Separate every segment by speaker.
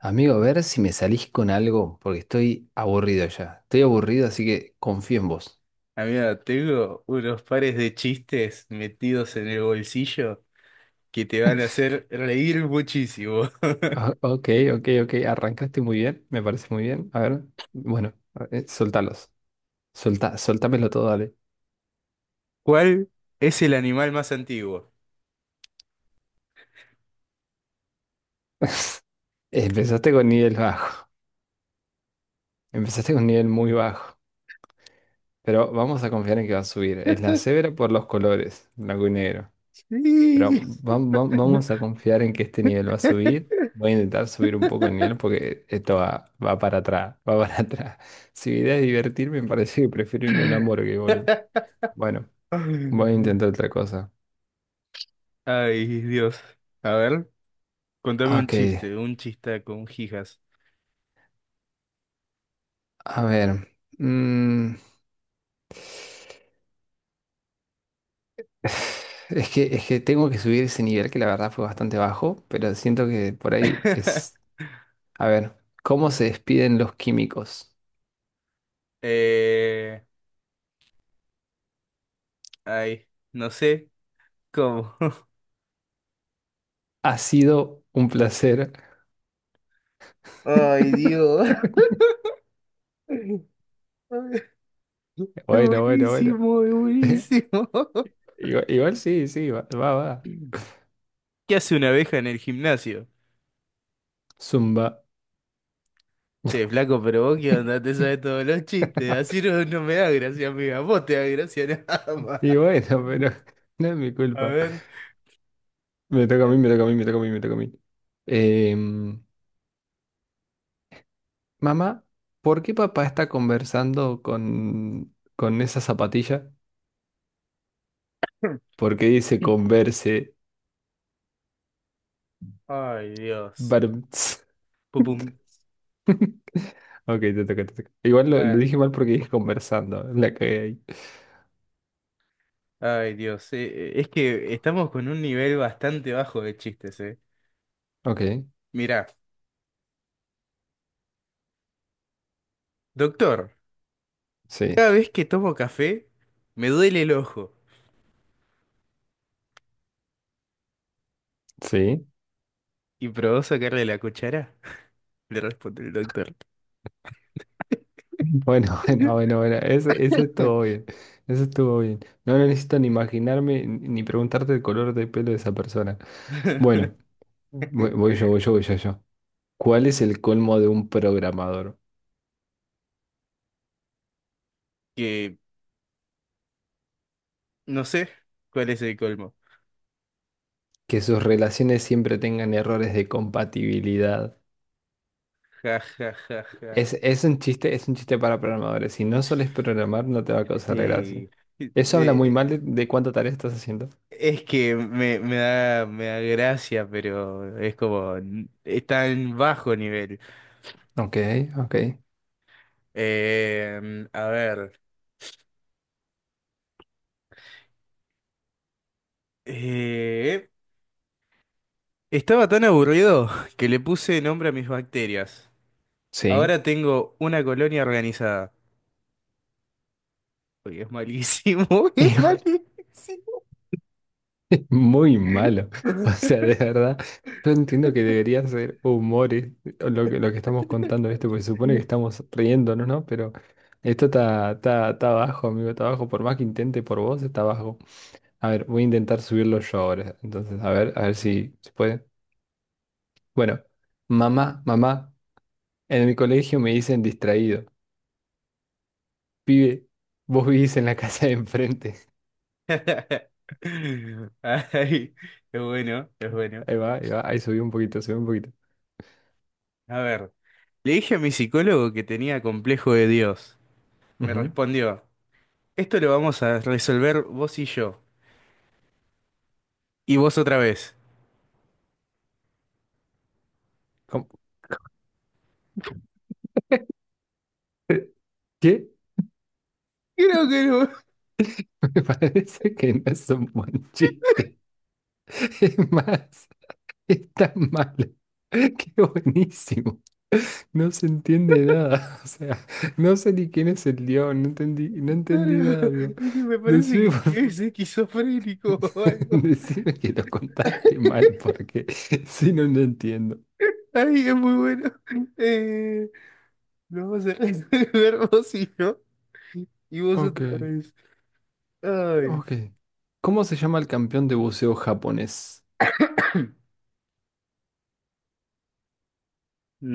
Speaker 1: Amigo, a ver si me salís con algo, porque estoy aburrido ya. Estoy aburrido, así que confío en vos.
Speaker 2: Amigo, tengo unos pares de chistes metidos en el bolsillo que te van a hacer reír muchísimo.
Speaker 1: Ah, Ok, ok, ok. Arrancaste muy bien, me parece muy bien. A ver, bueno, soltalos. Soltámelo todo, dale.
Speaker 2: ¿Cuál es el animal más antiguo?
Speaker 1: Empezaste con nivel bajo. Empezaste con nivel muy bajo. Pero vamos a confiar en que va a subir. Es la severa por los colores, blanco y negro. Pero
Speaker 2: Sí.
Speaker 1: vamos a confiar en que este nivel va a subir. Voy a intentar subir un poco el nivel porque esto va para atrás, va para atrás. Si mi idea es divertirme, me parece que prefiero irme a un hamburguesa, boludo. Bueno, voy a intentar otra cosa.
Speaker 2: Ay, Dios. A ver, contame un
Speaker 1: Ok,
Speaker 2: chiste, un chista con jijas.
Speaker 1: a ver. mm, es que tengo que subir ese nivel que la verdad fue bastante bajo, pero siento que por ahí es... A ver, ¿cómo se despiden los químicos?
Speaker 2: Eh, ay, no sé cómo.
Speaker 1: Ha sido un placer.
Speaker 2: Ay, Dios. Es
Speaker 1: Bueno, bueno, bueno.
Speaker 2: buenísimo, es buenísimo.
Speaker 1: Igual, igual, sí, sí, va, va,
Speaker 2: ¿Qué
Speaker 1: va.
Speaker 2: hace una abeja en el gimnasio?
Speaker 1: Zumba.
Speaker 2: Che, flaco, pero vos qué onda, te sabes todos los chistes. Así no, no me da gracia, amiga. Vos te da gracia nada
Speaker 1: Y
Speaker 2: más.
Speaker 1: bueno, pero no es mi
Speaker 2: A
Speaker 1: culpa.
Speaker 2: ver.
Speaker 1: Me toca a mí,
Speaker 2: eh,
Speaker 1: me toca a mí, me toca a mí, me toca a mí. Em, mamá, ¿por qué papá está conversando con esa zapatilla? Porque dice converse.
Speaker 2: Ay, Dios.
Speaker 1: Barum, ts.
Speaker 2: Pum, pum.
Speaker 1: Ok, te toca, te toca. Igual
Speaker 2: A
Speaker 1: lo
Speaker 2: ver.
Speaker 1: dije mal porque dije conversando. La que hay.
Speaker 2: Ay, Dios. Es que estamos con un nivel bastante bajo de chistes, ¿eh?
Speaker 1: Ok,
Speaker 2: Mirá, doctor,
Speaker 1: sí,
Speaker 2: cada vez que tomo café, me duele el ojo.
Speaker 1: sí.
Speaker 2: ¿Y probó sacarle la cuchara? Le responde el doctor.
Speaker 1: Bueno, bueno, bueno, bueno, ese estuvo bien, ese estuvo bien. No necesito ni imaginarme ni preguntarte el color de pelo de esa persona. Bueno, voy yo, voy yo, voy yo, yo. ¿Cuál es el colmo de un programador?
Speaker 2: Que no sé cuál es el colmo.
Speaker 1: Que sus relaciones siempre tengan errores de compatibilidad.
Speaker 2: Ja, ja, ja, ja.
Speaker 1: Es un chiste para programadores. Si no sueles programar, no te va a causar gracia.
Speaker 2: Eh,
Speaker 1: Eso habla muy
Speaker 2: de-
Speaker 1: mal de cuánta tarea estás haciendo.
Speaker 2: es que me da gracia, pero es como, es tan bajo nivel.
Speaker 1: Ok, ok,
Speaker 2: A ver. Eh, estaba tan aburrido que le puse nombre a mis bacterias.
Speaker 1: sí.
Speaker 2: Ahora tengo una colonia organizada. Uy, es malísimo, es malísimo.
Speaker 1: Muy malo. O sea, de verdad, yo entiendo que debería ser humores lo que estamos contando, ¿viste? Porque se supone que estamos riéndonos, ¿no? Pero esto está bajo, amigo, está bajo. Por más que intente por vos, está bajo. A ver, voy a intentar subirlo yo ahora. Entonces, a ver si se puede. Bueno, mamá, mamá, en mi colegio me dicen distraído. Pibe, vos vivís en la casa de enfrente.
Speaker 2: Ay, es bueno, es bueno.
Speaker 1: Ahí va, ahí va, ahí subí un poquito, subí un poquito.
Speaker 2: A ver. Le dije a mi psicólogo que tenía complejo de Dios. Me
Speaker 1: Ujú.
Speaker 2: respondió, esto lo vamos a resolver vos y yo. Y vos otra vez.
Speaker 1: ¿Cómo? ¿Qué?
Speaker 2: Creo que no.
Speaker 1: Me parece que no es un buen chiste. Es más, es tan malo. Qué buenísimo. No se entiende nada. O sea, no sé ni quién es el león. No entendí, no entendí
Speaker 2: Claro,
Speaker 1: nada, amigo.
Speaker 2: es que me parece
Speaker 1: Decime,
Speaker 2: que es esquizofrénico o algo.
Speaker 1: decime que lo contaste mal porque si no, no entiendo.
Speaker 2: Ay, es muy bueno. Eh, lo vamos a resolver vos y yo. Y vos
Speaker 1: Ok,
Speaker 2: otra vez. Ay.
Speaker 1: ok. ¿Cómo se llama el campeón de buceo japonés?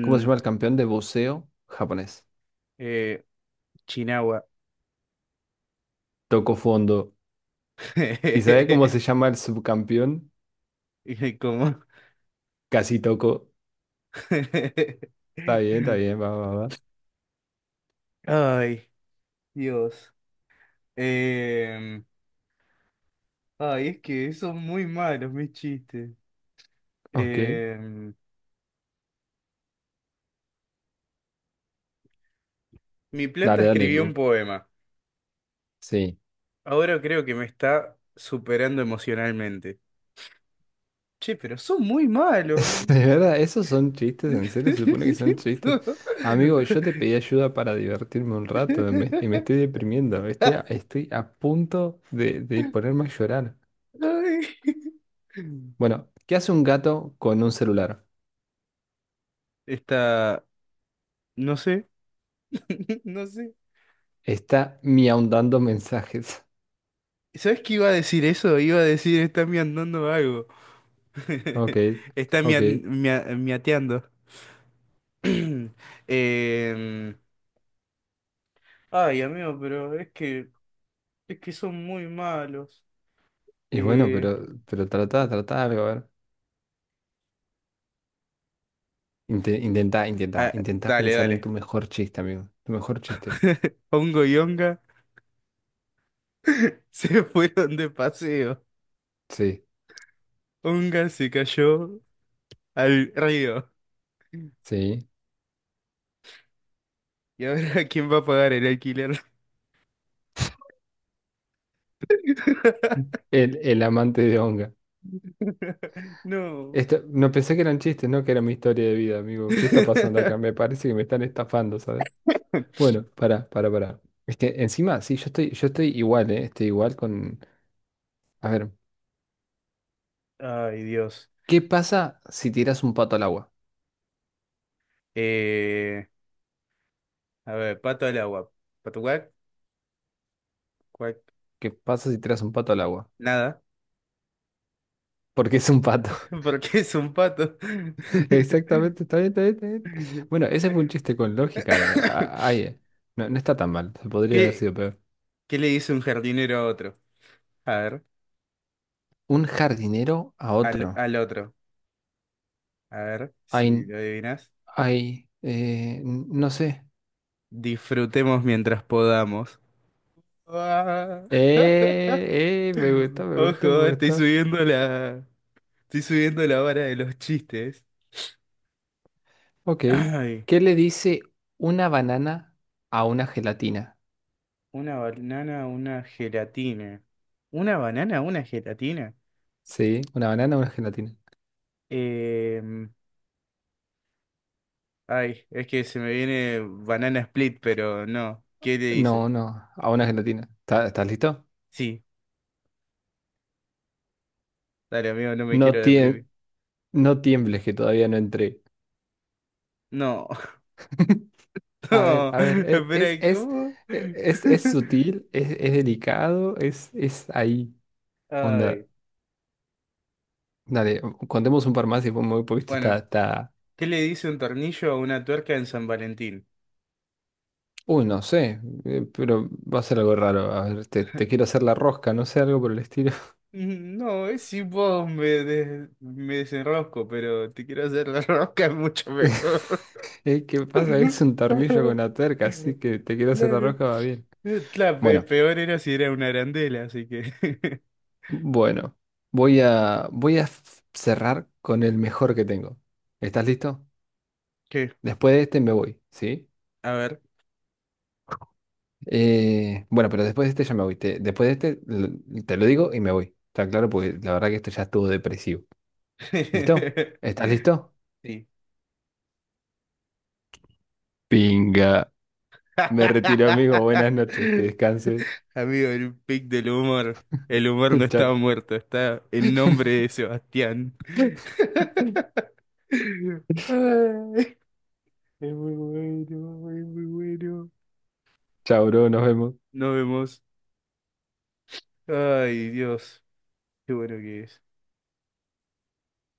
Speaker 1: ¿Cómo se llama el campeón de buceo japonés?
Speaker 2: eh, Chinagua.
Speaker 1: Tocó fondo. ¿Y sabe cómo se llama el subcampeón?
Speaker 2: Y como...
Speaker 1: Casi toco. Está bien, va, va, va.
Speaker 2: Ay. Dios. Em, ay, es que son muy malos mis chistes.
Speaker 1: Ok.
Speaker 2: Em, mi planta
Speaker 1: Dale, dale.
Speaker 2: escribió un poema.
Speaker 1: Sí.
Speaker 2: Ahora creo que me está superando emocionalmente. Che, pero son muy malos.
Speaker 1: De verdad, esos son chistes, en serio, se supone que son chistes. Amigo, yo te pedí ayuda para divertirme un rato y me estoy deprimiendo. Estoy a punto de ponerme a llorar. Bueno, ¿qué hace un gato con un celular?
Speaker 2: Está, no sé, no sé.
Speaker 1: Está miaundando mensajes.
Speaker 2: ¿Sabes qué iba a decir eso? Iba a decir, está miandando algo.
Speaker 1: Ok,
Speaker 2: Está
Speaker 1: ok.
Speaker 2: miateando. Em, ay, amigo, es que son muy malos.
Speaker 1: Y bueno,
Speaker 2: Eh,
Speaker 1: pero trata algo, a ver.
Speaker 2: ah,
Speaker 1: Intenta
Speaker 2: dale,
Speaker 1: pensar en tu
Speaker 2: dale.
Speaker 1: mejor chiste, amigo. Tu mejor chiste.
Speaker 2: Hongo y Onga se fueron de paseo.
Speaker 1: Sí,
Speaker 2: Onga se cayó al río.
Speaker 1: sí.
Speaker 2: ¿Y ahora quién va a pagar el alquiler?
Speaker 1: El amante de Onga.
Speaker 2: No.
Speaker 1: No pensé que eran chistes, ¿no? Que era mi historia de vida, amigo. ¿Qué está pasando acá? Me parece que me están estafando, ¿sabes? Bueno, para, para. Es que encima, sí, yo estoy igual, ¿eh? Estoy igual con... A ver,
Speaker 2: Ay, Dios.
Speaker 1: ¿qué pasa si tiras un pato al agua?
Speaker 2: Eh, a ver, pato al agua. ¿Pato cuac? Cuac.
Speaker 1: ¿Qué pasa si tiras un pato al agua?
Speaker 2: Nada,
Speaker 1: Porque es un pato.
Speaker 2: porque es un pato.
Speaker 1: Exactamente, está bien, está bien, está bien. Bueno, ese fue un chiste con lógica. Ay, no, no está tan mal. Podría haber
Speaker 2: ¿Qué,
Speaker 1: sido peor.
Speaker 2: ¿qué le dice un jardinero a otro? A ver,
Speaker 1: Un jardinero a otro.
Speaker 2: al otro. A ver, si lo adivinas.
Speaker 1: Ay, no sé.
Speaker 2: Disfrutemos mientras podamos. Ah.
Speaker 1: Me gusta, me gusta,
Speaker 2: Ojo,
Speaker 1: me gusta.
Speaker 2: estoy subiendo la vara de los chistes.
Speaker 1: Ok.
Speaker 2: Ay,
Speaker 1: ¿Qué le dice una banana a una gelatina?
Speaker 2: una banana, una gelatina. ¿Una banana, una gelatina?
Speaker 1: Sí, una banana a una gelatina.
Speaker 2: Em, ay, es que se me viene banana split, pero no. ¿Qué le dice?
Speaker 1: No, no, a una gelatina. ¿Estás listo?
Speaker 2: Sí. Dale, amigo, no me
Speaker 1: No
Speaker 2: quiero
Speaker 1: tiem-
Speaker 2: deprimir.
Speaker 1: no tiembles que todavía no entré.
Speaker 2: No, no,
Speaker 1: A ver,
Speaker 2: espera, ¿cómo?
Speaker 1: es, sutil, es delicado, es ahí. Onda,
Speaker 2: Ay,
Speaker 1: dale, contemos un par más y muy poquito
Speaker 2: bueno,
Speaker 1: está.
Speaker 2: ¿qué le dice un tornillo a una tuerca en San Valentín?
Speaker 1: Uy, no sé, pero va a ser algo raro. A ver, te quiero hacer la rosca, no sé, algo por el estilo.
Speaker 2: Mm, no, es si vos me desenrosco, pero te quiero hacer la rosca es mucho mejor.
Speaker 1: ¿Qué pasa? Es un tornillo con una tuerca, así que te quiero hacer la
Speaker 2: Claro.
Speaker 1: rosca, va bien.
Speaker 2: La
Speaker 1: Bueno,
Speaker 2: peor era si era una arandela, así que.
Speaker 1: bueno, voy a cerrar con el mejor que tengo. ¿Estás listo?
Speaker 2: ¿Qué?
Speaker 1: Después de este me voy, ¿sí?
Speaker 2: A ver.
Speaker 1: Bueno, pero después de este ya me voy. Después de este te lo digo y me voy. Está claro, porque la verdad que esto ya estuvo depresivo. ¿Listo? ¿Estás listo?
Speaker 2: Sí.
Speaker 1: Pinga. Me retiro, amigo. Buenas noches. Que descanses.
Speaker 2: Amigo, el pic del humor. El humor no está
Speaker 1: Chao.
Speaker 2: muerto, está en nombre de Sebastián. Ay, es muy bueno, es muy bueno.
Speaker 1: Chao, bro. Nos vemos.
Speaker 2: Nos vemos. Ay, Dios, qué bueno que es.